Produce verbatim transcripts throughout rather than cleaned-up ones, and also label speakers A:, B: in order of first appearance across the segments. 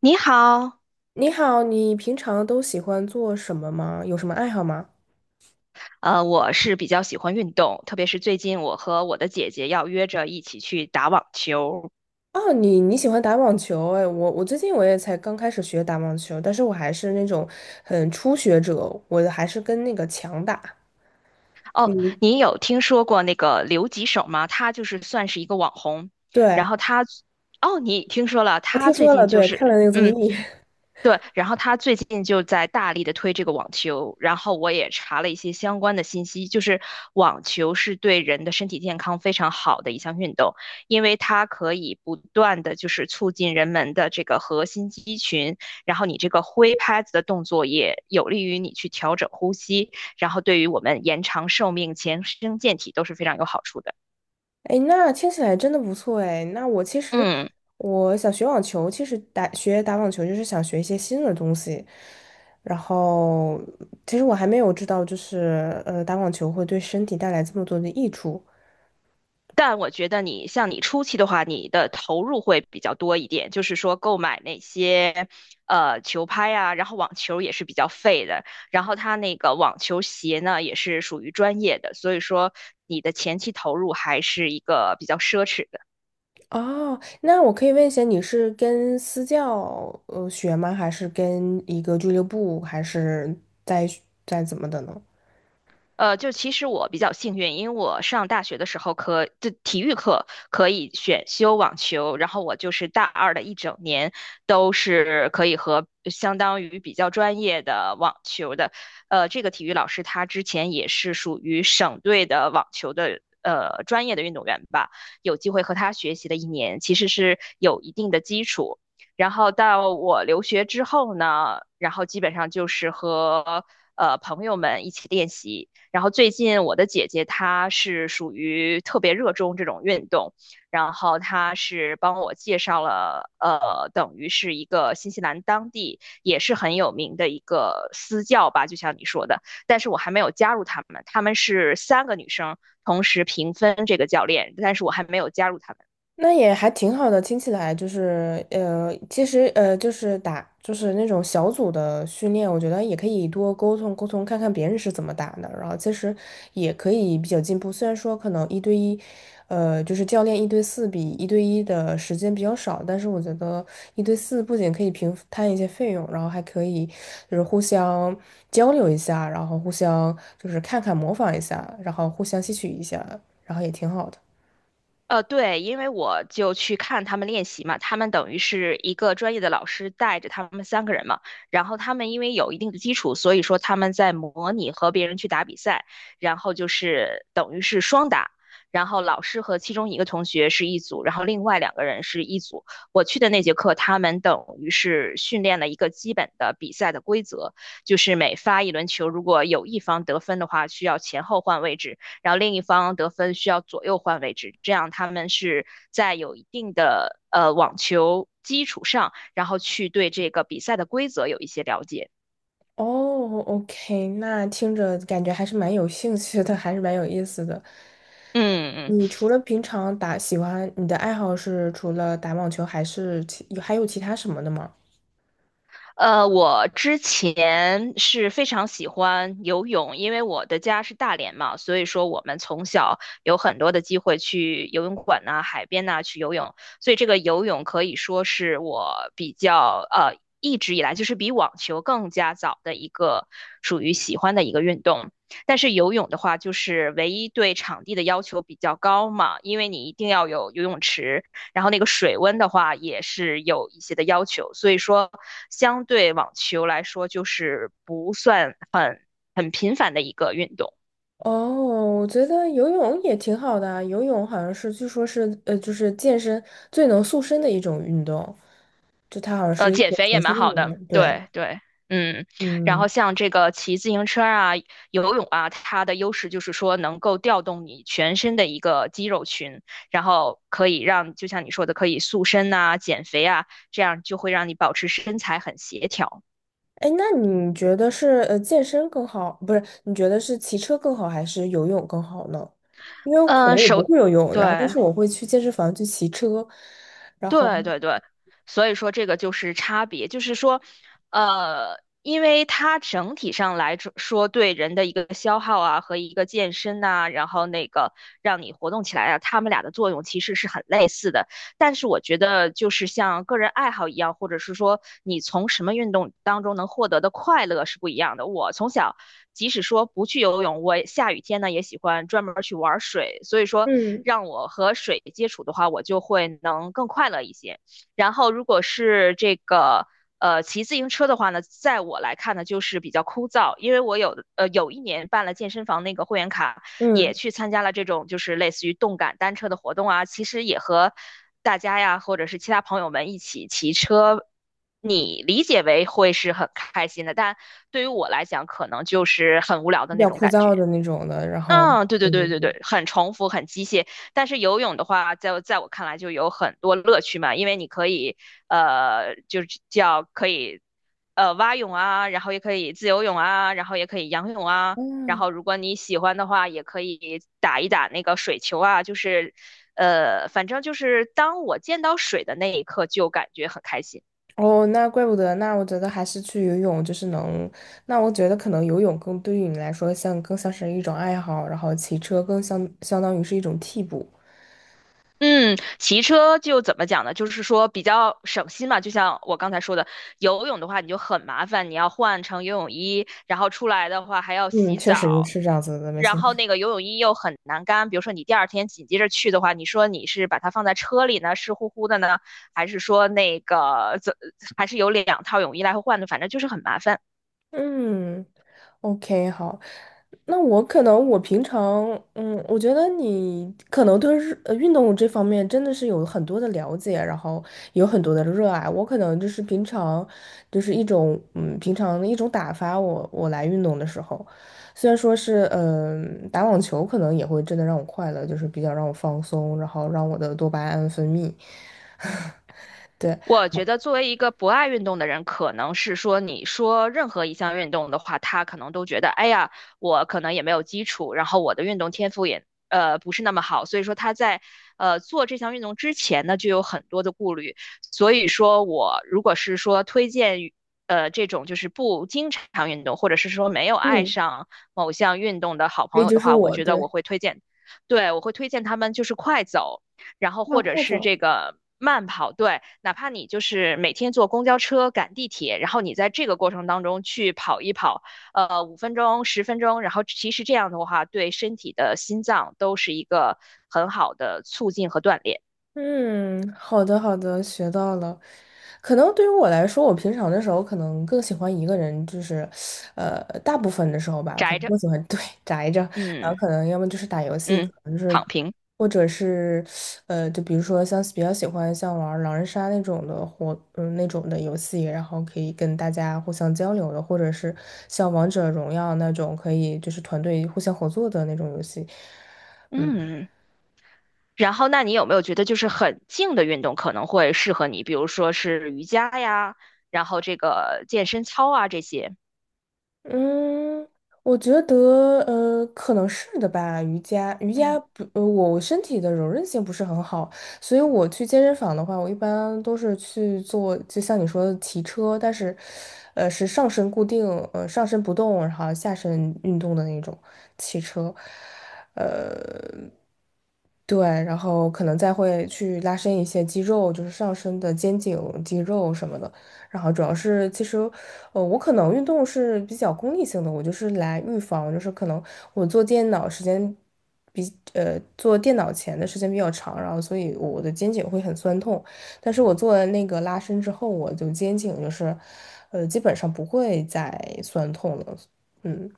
A: 你好，
B: 你好，你平常都喜欢做什么吗？有什么爱好吗？
A: 呃，我是比较喜欢运动，特别是最近我和我的姐姐要约着一起去打网球。
B: 哦，你你喜欢打网球？哎，我我最近我也才刚开始学打网球，但是我还是那种很初学者，我还是跟那个强打。
A: 哦，
B: 嗯，
A: 你有听说过那个刘吉手吗？他就是算是一个网红，然
B: 对，
A: 后他，哦，你听说了，
B: 我
A: 他
B: 听
A: 最
B: 说了，
A: 近就
B: 对，看了
A: 是，
B: 那个综
A: 嗯，
B: 艺。
A: 对，然后他最近就在大力的推这个网球，然后我也查了一些相关的信息，就是网球是对人的身体健康非常好的一项运动，因为它可以不断的就是促进人们的这个核心肌群，然后你这个挥拍子的动作也有利于你去调整呼吸，然后对于我们延长寿命、强身健体都是非常有好处的。
B: 哎，那听起来真的不错哎。那我其实
A: 嗯。
B: 我想学网球，其实打学打网球就是想学一些新的东西。然后，其实我还没有知道，就是呃，打网球会对身体带来这么多的益处。
A: 但我觉得你像你初期的话，你的投入会比较多一点，就是说购买那些呃球拍啊，然后网球也是比较费的，然后它那个网球鞋呢也是属于专业的，所以说你的前期投入还是一个比较奢侈的。
B: 哦，那我可以问一下，你是跟私教呃学吗？还是跟一个俱乐部，还是在在怎么的呢？
A: 呃，就其实我比较幸运，因为我上大学的时候可，就体育课可以选修网球，然后我就是大二的一整年都是可以和相当于比较专业的网球的，呃，这个体育老师他之前也是属于省队的网球的。呃，专业的运动员吧，有机会和他学习的一年，其实是有一定的基础。然后到我留学之后呢，然后基本上就是和呃朋友们一起练习，然后最近我的姐姐她是属于特别热衷这种运动，然后她是帮我介绍了，呃，等于是一个新西兰当地也是很有名的一个私教吧，就像你说的，但是我还没有加入他们，他们是三个女生同时平分这个教练，但是我还没有加入他们。
B: 那也还挺好的，听起来就是呃，其实呃，就是打就是那种小组的训练，我觉得也可以多沟通沟通，看看别人是怎么打的，然后其实也可以比较进步。虽然说可能一对一，呃，就是教练一对四比一对一的时间比较少，但是我觉得一对四不仅可以平摊一些费用，然后还可以就是互相交流一下，然后互相就是看看模仿一下，然后互相吸取一下，然后也挺好的。
A: 呃，对，因为我就去看他们练习嘛，他们等于是一个专业的老师带着他们三个人嘛，然后他们因为有一定的基础，所以说他们在模拟和别人去打比赛，然后就是等于是双打，然后老师和其中一个同学是一组，然后另外两个人是一组。我去的那节课，他们等于是训练了一个基本的比赛的规则，就是每发一轮球，如果有一方得分的话，需要前后换位置。然后另一方得分需要左右换位置，这样他们是在有一定的呃网球基础上，然后去对这个比赛的规则有一些了解。
B: 哦，OK，那听着感觉还是蛮有兴趣的，还是蛮有意思的。
A: 嗯嗯。
B: 你除了平常打，喜欢你的爱好是除了打网球，还是其还有其他什么的吗？
A: 呃，我之前是非常喜欢游泳，因为我的家是大连嘛，所以说我们从小有很多的机会去游泳馆呐、海边呐、去游泳，所以这个游泳可以说是我比较呃一直以来就是比网球更加早的一个属于喜欢的一个运动。但是游泳的话，就是唯一对场地的要求比较高嘛，因为你一定要有游泳池。然后那个水温的话也是有一些的要求，所以说相对网球来说就是不算很很频繁的一个运动。
B: 哦，我觉得游泳也挺好的啊，游泳好像是据说是呃，就是健身最能塑身的一种运动，就它好像
A: 呃，
B: 是一
A: 减
B: 种
A: 肥也
B: 全
A: 蛮
B: 身的
A: 好
B: 运
A: 的，
B: 动。对，
A: 对对。嗯，然后
B: 嗯。
A: 像这个骑自行车啊、游泳啊，它的优势就是说能够调动你全身的一个肌肉群，然后可以让，就像你说的，可以塑身呐、减肥啊，这样就会让你保持身材很协调。
B: 哎，那你觉得是呃健身更好，不是？你觉得是骑车更好还是游泳更好呢？因为我可
A: 呃，
B: 能我不
A: 手，
B: 会游泳，然后但
A: 对，
B: 是我会去健身房去骑车，然后
A: 对对对，所以说这个就是差别，就是说，呃，因为它整体上来着说对人的一个消耗啊和一个健身呐、然后那个让你活动起来啊，它们俩的作用其实是很类似的。但是我觉得就是像个人爱好一样，或者是说你从什么运动当中能获得的快乐是不一样的。我从小即使说不去游泳，我下雨天呢也喜欢专门去玩水。所以说，
B: 嗯，
A: 让我和水接触的话，我就会能更快乐一些。然后，如果是这个呃骑自行车的话呢，在我来看呢，就是比较枯燥，因为我有呃有一年办了健身房那个会员卡，也
B: 嗯，
A: 去参加了这种就是类似于动感单车的活动啊，其实也和大家呀或者是其他朋友们一起骑车。你理解为会是很开心的，但对于我来讲，可能就是很无聊的
B: 比
A: 那
B: 较
A: 种
B: 枯
A: 感
B: 燥
A: 觉。
B: 的那种的，然后
A: 嗯，对对
B: 对对
A: 对对
B: 对，
A: 对，很重复，很机械。但是游泳的话，在在我看来就有很多乐趣嘛，因为你可以，呃，就是叫可以，呃，蛙泳啊，然后也可以自由泳啊，然后也可以仰泳啊，然
B: 嗯，
A: 后如果你喜欢的话，也可以打一打那个水球啊，就是，呃，反正就是当我见到水的那一刻，就感觉很开心。
B: 哦，那怪不得，那我觉得还是去游泳，就是能，那我觉得可能游泳更对于你来说像更像是一种爱好，然后骑车更相相当于是一种替补，
A: 嗯，骑车就怎么讲呢？就是说比较省心嘛，就像我刚才说的，游泳的话你就很麻烦，你要换成游泳衣，然后出来的话还要
B: 嗯，
A: 洗
B: 确实
A: 澡，
B: 是这样子的，没
A: 然
B: 错。
A: 后那个游泳衣又很难干。比如说你第二天紧接着去的话，你说你是把它放在车里呢，湿乎乎的呢，还是说那个怎，还是有两套泳衣来回换的，反正就是很麻烦。
B: 嗯，OK，好，那我可能我平常，嗯，我觉得你可能对日呃运动这方面真的是有很多的了解，然后有很多的热爱。我可能就是平常，就是一种嗯平常的一种打发我我来运动的时候，虽然说是嗯、打网球可能也会真的让我快乐，就是比较让我放松，然后让我的多巴胺分泌。对，
A: 我觉得作为一个不爱运动的人，可能是说你说任何一项运动的话，他可能都觉得，哎呀，我可能也没有基础，然后我的运动天赋也呃不是那么好，所以说他在呃做这项运动之前呢，就有很多的顾虑。所以说我如果是说推荐于呃这种就是不经常运动，或者是说没有爱
B: 嗯，
A: 上某项运动的好
B: 所
A: 朋
B: 以
A: 友
B: 就
A: 的
B: 是
A: 话，我
B: 我
A: 觉得我
B: 对，
A: 会推荐，对，我会推荐他们就是快走。然后
B: 那
A: 或者
B: 快
A: 是
B: 走。
A: 这个慢跑，对，哪怕你就是每天坐公交车、赶地铁，然后你在这个过程当中去跑一跑，呃，五分钟、十分钟，然后其实这样的话，对身体的心脏都是一个很好的促进和锻炼。
B: 嗯，好的好的，学到了。可能对于我来说，我平常的时候可能更喜欢一个人，就是，呃，大部分的时候吧，可
A: 宅
B: 能
A: 着，
B: 更喜欢 对宅着，然后
A: 嗯
B: 可能要么就是打游戏，可
A: 嗯，
B: 能就
A: 躺
B: 是，
A: 平，
B: 或者是，呃，就比如说像比较喜欢像玩狼人杀那种的活，嗯，那种的游戏，然后可以跟大家互相交流的，或者是像王者荣耀那种可以就是团队互相合作的那种游戏。
A: 嗯。然后，那你有没有觉得就是很静的运动可能会适合你？比如说是瑜伽呀，然后这个健身操啊这些。
B: 嗯，我觉得呃，可能是的吧。瑜伽，瑜伽
A: 嗯。
B: 不，呃，我身体的柔韧性不是很好，所以我去健身房的话，我一般都是去做，就像你说的骑车，但是，呃，是上身固定，呃，上身不动，然后下身运动的那种骑车，呃，对，然后可能再会去拉伸一些肌肉，就是上身的肩颈肌肉什么的。然后主要是其实，呃，我可能运动是比较功利性的，我就是来预防，就是可能我做电脑时间比呃做电脑前的时间比较长，然后所以我的肩颈会很酸痛，但是我做了那个拉伸之后，我就肩颈就是，呃，基本上不会再酸痛了，嗯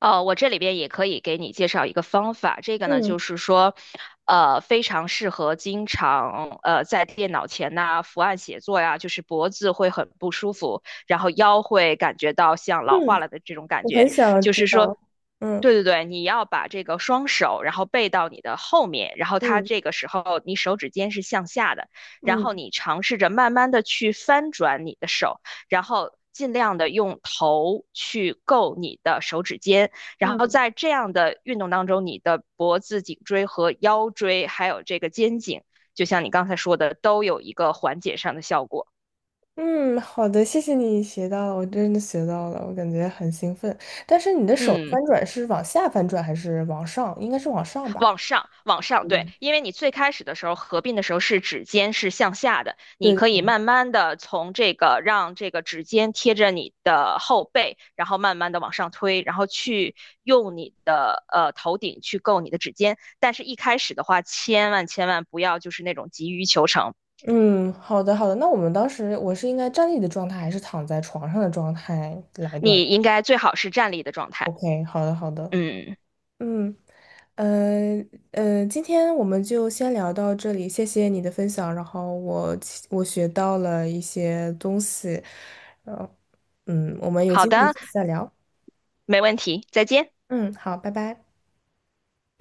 A: 哦，我这里边也可以给你介绍一个方法，这个呢
B: 嗯
A: 就是说，呃，非常适合经常呃在电脑前呐、伏案写作呀，就是脖子会很不舒服，然后腰会感觉到像老
B: 嗯，
A: 化了的这种感
B: 我很
A: 觉，
B: 想
A: 就
B: 知
A: 是说。
B: 道，嗯
A: 对对对，你要把这个双手，然后背到你的后面，然后它
B: 嗯。
A: 这个时候你手指尖是向下的，然后
B: 嗯
A: 你尝试着慢慢的去翻转你的手，然后尽量的用头去够你的手指尖，然后
B: 嗯。
A: 在这样的运动当中，你的脖子、颈椎和腰椎，还有这个肩颈，就像你刚才说的，都有一个缓解上的效果。
B: 嗯，好的，谢谢你学到了，我真的学到了，我感觉很兴奋。但是你的手
A: 嗯，
B: 翻转是往下翻转还是往上？应该是往上吧？
A: 往上，往上，对，因为你最开始的时候合并的时候是指尖是向下的，你
B: 对
A: 可以
B: 的，
A: 慢慢的从这个让这个指尖贴着你的后背，然后慢慢的往上推，然后去用你的呃头顶去够你的指尖。但是，一开始的话，千万千万不要就是那种急于求成，
B: 嗯，好的，好的。那我们当时我是应该站立的状态还是躺在床上的状态来锻炼
A: 你应该最好是站立的状态。
B: ？OK，好的，好的。
A: 嗯，
B: 嗯，呃呃，今天我们就先聊到这里，谢谢你的分享，然后我我学到了一些东西，呃，嗯，我们有
A: 好
B: 机会
A: 的，
B: 下次再聊。
A: 没问题，再见。
B: 嗯，好，拜拜。